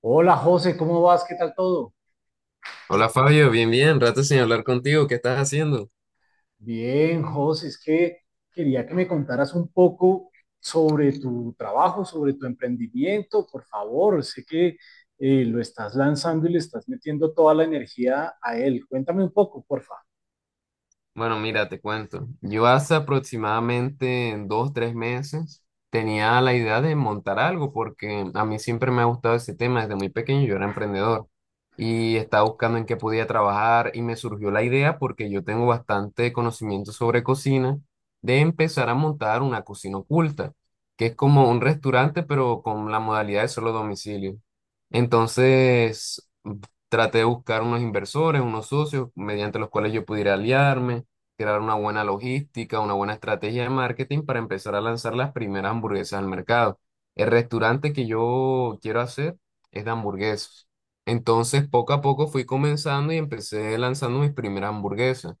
Hola José, ¿cómo vas? ¿Qué tal todo? Hola Fabio, bien, bien, rato sin hablar contigo, ¿qué estás haciendo? Bien, José, es que quería que me contaras un poco sobre tu trabajo, sobre tu emprendimiento, por favor. Sé que lo estás lanzando y le estás metiendo toda la energía a él. Cuéntame un poco, porfa. Bueno, mira, te cuento. Yo hace aproximadamente 2, 3 meses tenía la idea de montar algo porque a mí siempre me ha gustado ese tema desde muy pequeño. Yo era emprendedor y estaba buscando en qué podía trabajar y me surgió la idea porque yo tengo bastante conocimiento sobre cocina de empezar a montar una cocina oculta, que es como un restaurante pero con la modalidad de solo domicilio. Entonces, traté de buscar unos inversores, unos socios mediante los cuales yo pudiera aliarme crear una buena logística, una buena estrategia de marketing para empezar a lanzar las primeras hamburguesas al mercado. El restaurante que yo quiero hacer es de hamburguesas. Entonces, poco a poco fui comenzando y empecé lanzando mis primeras hamburguesas.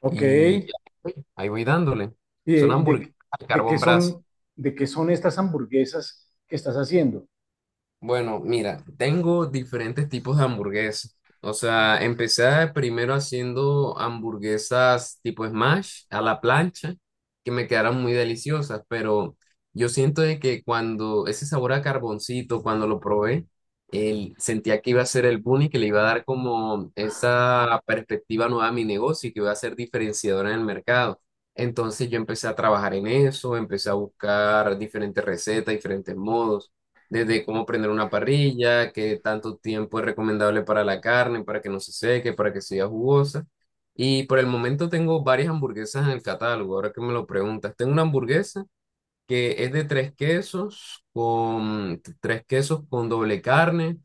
Ok, Y ¿y ahí voy dándole. Son de, hamburguesas de- al de qué carbón brasa. son, de qué son estas hamburguesas que estás haciendo? Bueno, mira, tengo diferentes tipos de hamburguesas. O sea, empecé primero haciendo hamburguesas tipo smash a la plancha, que me quedaron muy deliciosas, pero yo siento de que cuando ese sabor a carboncito, cuando lo probé, sentía que iba a ser el boom y que le iba a dar como esa perspectiva nueva a mi negocio y que iba a ser diferenciadora en el mercado. Entonces yo empecé a trabajar en eso, empecé a buscar diferentes recetas, diferentes modos desde cómo prender una parrilla, qué tanto tiempo es recomendable para la carne, para que no se seque, para que sea jugosa. Y por el momento tengo varias hamburguesas en el catálogo, ahora que me lo preguntas. Tengo una hamburguesa que es de tres quesos con doble carne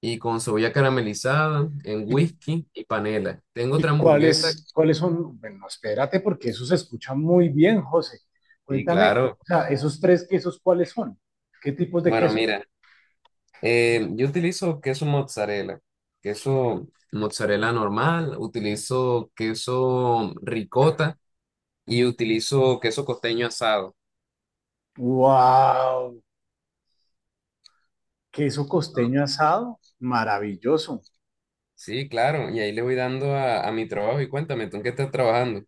y con cebolla caramelizada en whisky y panela. Tengo otra ¿Y hamburguesa. Cuáles son? Bueno, espérate, porque eso se escucha muy bien, José. Sí, Cuéntame, claro. o sea, esos tres quesos, ¿cuáles son? ¿Qué tipos de Bueno, queso? mira. Yo utilizo queso mozzarella normal, utilizo queso ricota y utilizo queso costeño asado. ¡Wow! Queso costeño asado, maravilloso. Sí, claro, y ahí le voy dando a mi trabajo y cuéntame, ¿tú en qué estás trabajando?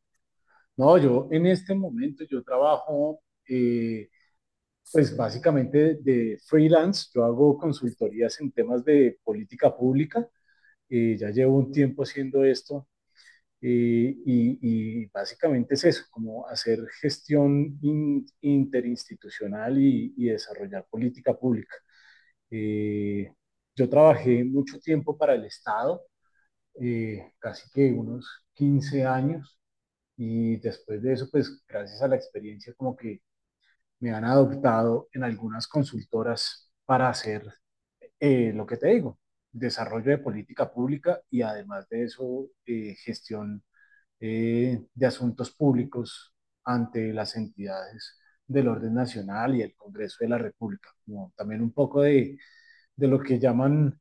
No, yo en este momento yo trabajo, eh, pues básicamente de freelance, yo hago consultorías en temas de política pública, ya llevo un tiempo haciendo esto. Básicamente es eso, como hacer gestión interinstitucional y desarrollar política pública. Eh, yo trabajé mucho tiempo para el Estado, casi que unos 15 años, y después de eso, pues gracias a la experiencia, como que me han adoptado en algunas consultoras para hacer lo que te digo, desarrollo de política pública y además de eso, gestión de asuntos públicos ante las entidades del orden nacional y el Congreso de la República, como también un poco de lo que llaman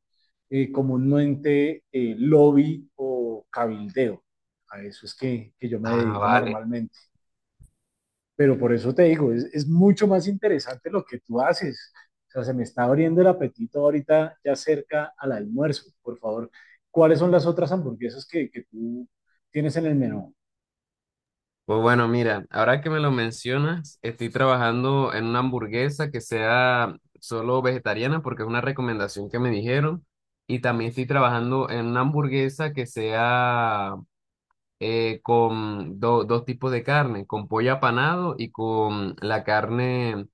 comúnmente lobby o cabildeo. A eso es que yo me Ah, dedico vale. normalmente. Pero por eso te digo, es mucho más interesante lo que tú haces. O sea, se me está abriendo el apetito ahorita ya cerca al almuerzo. Por favor, ¿cuáles son las otras hamburguesas que tú tienes en el menú? Pues bueno, mira, ahora que me lo mencionas, estoy trabajando en una hamburguesa que sea solo vegetariana porque es una recomendación que me dijeron. Y también estoy trabajando en una hamburguesa que sea con dos tipos de carne, con pollo apanado y con la carne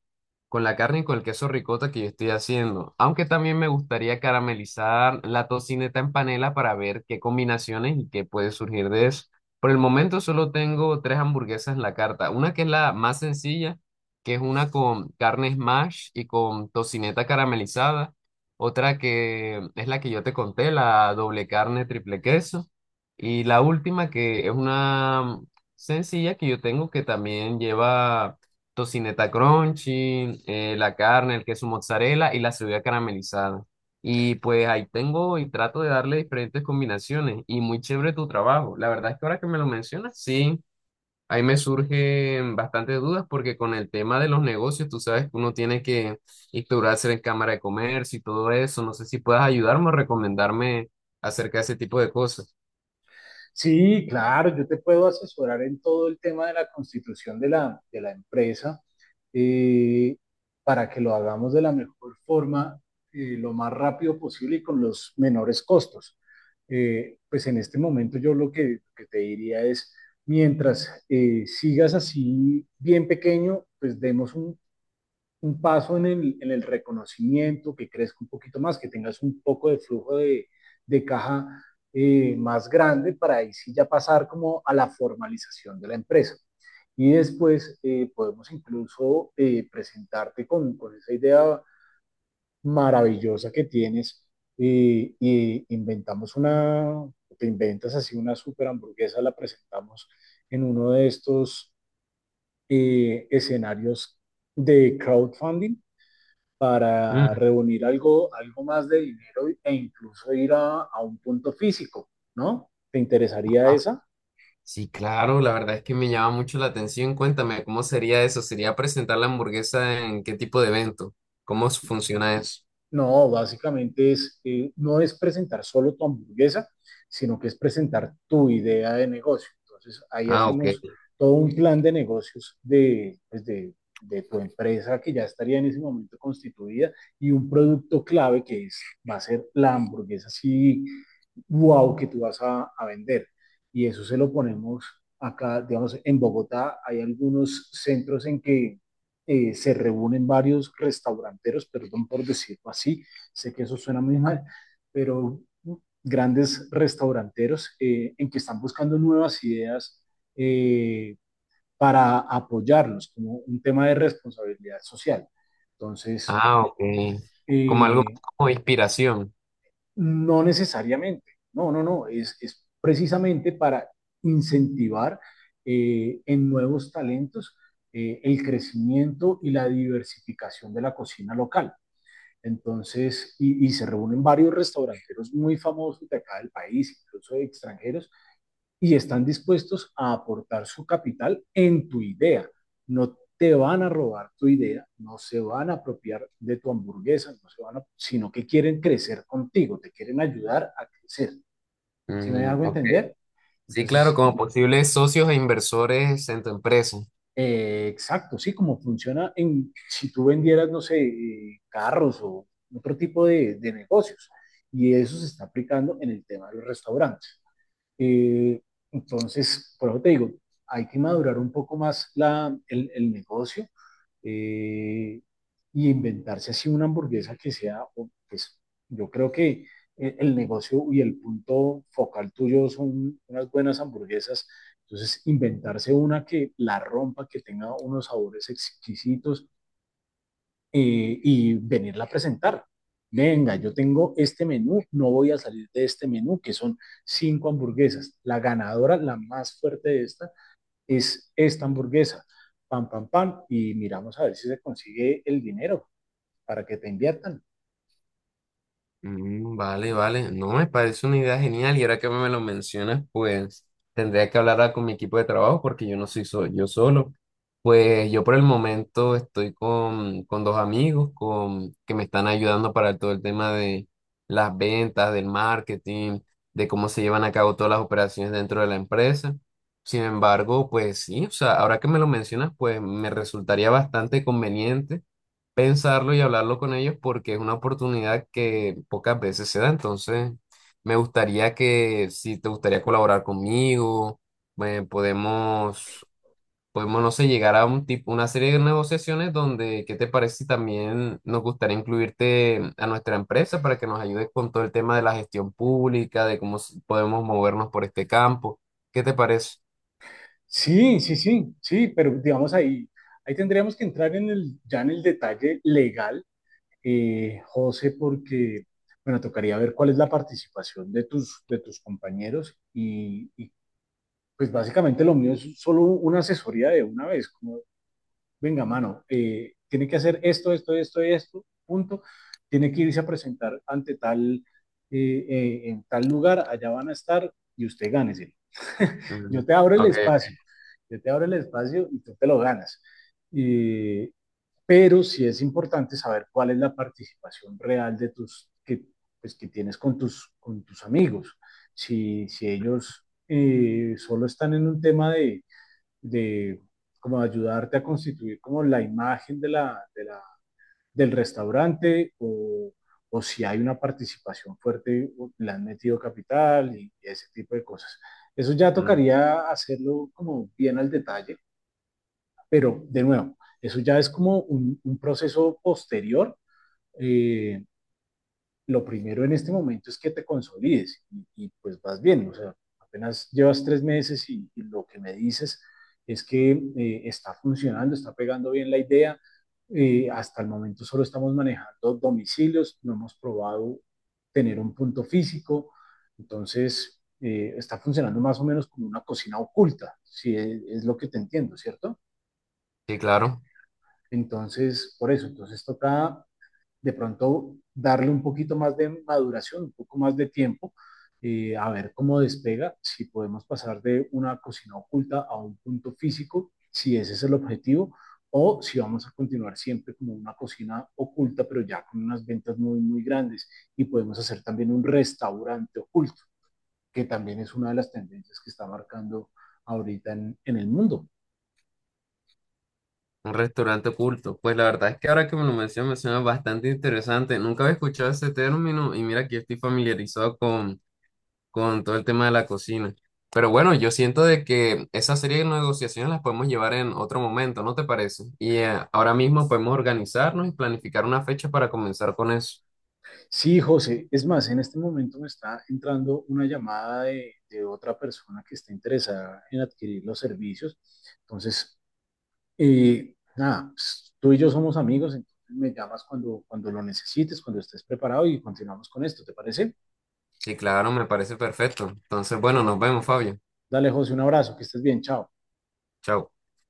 y con el queso ricota que yo estoy haciendo. Aunque también me gustaría caramelizar la tocineta en panela para ver qué combinaciones y qué puede surgir de eso. Por el momento solo tengo 3 hamburguesas en la carta. Una que es la más sencilla, que es una con carne smash y con tocineta caramelizada. Otra que es la que yo te conté, la doble carne, triple queso. Y la última que es una sencilla que yo tengo que también lleva tocineta crunchy, la carne, el queso mozzarella y la cebolla caramelizada. Y pues ahí tengo y trato de darle diferentes combinaciones y muy chévere tu trabajo. La verdad es que ahora que me lo mencionas, sí, ahí me surgen bastantes dudas porque con el tema de los negocios, tú sabes que uno tiene que instaurarse en Cámara de Comercio y todo eso. No sé si puedas ayudarme o recomendarme acerca de ese tipo de cosas. Sí, claro, yo te puedo asesorar en todo el tema de la constitución de de la empresa, eh, para que lo hagamos de la mejor forma, lo más rápido posible y con los menores costos. Pues en este momento yo lo que te diría es, mientras sigas así bien pequeño, pues demos un paso en en el reconocimiento, que crezca un poquito más, que tengas un poco de flujo de caja más grande para ahí sí ya pasar como a la formalización de la empresa. Y después podemos incluso presentarte con esa idea maravillosa que tienes, y inventamos te inventas así una super hamburguesa, la presentamos en uno de estos escenarios de crowdfunding para Mm. reunir algo, algo más de dinero e incluso ir a un punto físico, ¿no? ¿Te interesaría esa? Sí, claro, la verdad es que me llama mucho la atención. Cuéntame, ¿cómo sería eso? ¿Sería presentar la hamburguesa en qué tipo de evento? ¿Cómo funciona eso? No, básicamente no es presentar solo tu hamburguesa, sino que es presentar tu idea de negocio. Entonces, ahí Ah, ok. hacemos todo un plan de negocios de, pues, de tu empresa que ya estaría en ese momento constituida y un producto clave que es, va a ser la hamburguesa así, wow, que tú vas a vender. Y eso se lo ponemos acá, digamos, en Bogotá hay algunos centros en que se reúnen varios restauranteros, perdón por decirlo así, sé que eso suena muy mal, pero grandes restauranteros en que están buscando nuevas ideas eh, para apoyarlos como un tema de responsabilidad social. Entonces, Ah, ok. Como algo eh, más como inspiración. no necesariamente, no, no, no, es precisamente para incentivar en nuevos talentos el crecimiento y la diversificación de la cocina local. Entonces, y se reúnen varios restauranteros muy famosos de acá del país, incluso de extranjeros, y están dispuestos a aportar su capital en tu idea. No te van a robar tu idea, no se van a apropiar de tu hamburguesa, no se van a, sino que quieren crecer contigo, te quieren ayudar a crecer. ¿Sí me Mm, hago ok. entender? Sí, claro, Entonces, como posibles socios e inversores en tu empresa. Exacto, sí, como funciona en, si tú vendieras, no sé, carros o otro tipo de negocios. Y eso se está aplicando en el tema de los restaurantes. Eh, entonces, por eso te digo, hay que madurar un poco más el negocio, eh, y inventarse así una hamburguesa que sea, o, pues yo creo que el negocio y el punto focal tuyo son unas buenas hamburguesas. Entonces, inventarse una que la rompa, que tenga unos sabores exquisitos, y venirla a presentar. Venga, yo tengo este menú, no voy a salir de este menú, que son 5 hamburguesas. La ganadora, la más fuerte de esta, es esta hamburguesa. Pam, pam, pam. Y miramos a ver si se consigue el dinero para que te inviertan. Mm, vale, vale. No, me parece una idea genial y ahora que me lo mencionas, pues tendría que hablar con mi equipo de trabajo porque yo no soy yo solo. Pues yo por el momento estoy con dos amigos que me están ayudando para todo el tema de las ventas, del marketing, de cómo se llevan a cabo todas las operaciones dentro de la empresa. Sin embargo, pues sí, o sea, ahora que me lo mencionas, pues me resultaría bastante conveniente pensarlo y hablarlo con ellos porque es una oportunidad que pocas veces se da. Entonces, me gustaría que, si te gustaría colaborar conmigo, eh, podemos, podemos, no sé, llegar a un tipo, una serie de negociaciones donde, ¿qué te parece si también nos gustaría incluirte a nuestra empresa para que nos ayudes con todo el tema de la gestión pública, de cómo podemos movernos por este campo? ¿Qué te parece? Sí, sí, sí, sí, pero digamos ahí tendríamos que entrar en ya en el detalle legal, José, porque, bueno, tocaría ver cuál es la participación de tus compañeros y. Pues básicamente lo mío es solo una asesoría de una vez, como, venga, mano, tiene que hacer esto, esto, esto, esto, punto. Tiene que irse a presentar ante tal, en tal lugar, allá van a estar y usted gánese. Mm, yo te abro el ok. espacio, yo te abro el espacio y tú te lo ganas. Y, pero sí es importante saber cuál es la participación real pues, que tienes con tus amigos. Si ellos solo están en un tema de como ayudarte a constituir como la imagen del restaurante o, si hay una participación fuerte, le han metido capital y ese tipo de cosas. Eso ya Mm, tocaría hacerlo como bien al detalle, pero, de nuevo, eso ya es como un proceso posterior. Eh, lo primero en este momento es que te consolides y pues vas bien. O sea, apenas llevas 3 meses y lo que me dices es que está funcionando, está pegando bien la idea. Hasta el momento solo estamos manejando domicilios, no hemos probado tener un punto físico, entonces está funcionando más o menos como una cocina oculta, si es, es lo que te entiendo, ¿cierto? sí, claro. Entonces, por eso, entonces toca de pronto darle un poquito más de maduración, un poco más de tiempo, a ver cómo despega, si podemos pasar de una cocina oculta a un punto físico, si ese es el objetivo, o si vamos a continuar siempre como una cocina oculta, pero ya con unas ventas muy, muy grandes, y podemos hacer también un restaurante oculto, que también es una de las tendencias que está marcando ahorita en el mundo. Un restaurante oculto. Pues la verdad es que ahora que me lo mencionas, me suena bastante interesante. Nunca había escuchado ese término y mira que yo estoy familiarizado con todo el tema de la cocina. Pero bueno, yo siento de que esa serie de negociaciones las podemos llevar en otro momento, ¿no te parece? Y ahora mismo podemos organizarnos y planificar una fecha para comenzar con eso. Sí, José, es más, en este momento me está entrando una llamada de otra persona que está interesada en adquirir los servicios. Entonces, nada, pues, tú y yo somos amigos, entonces me llamas cuando lo necesites, cuando estés preparado y continuamos con esto, ¿te parece? Sí, claro, me parece perfecto. Entonces, bueno, nos vemos, Fabio. Dale, José, un abrazo, que estés bien, chao. Chao.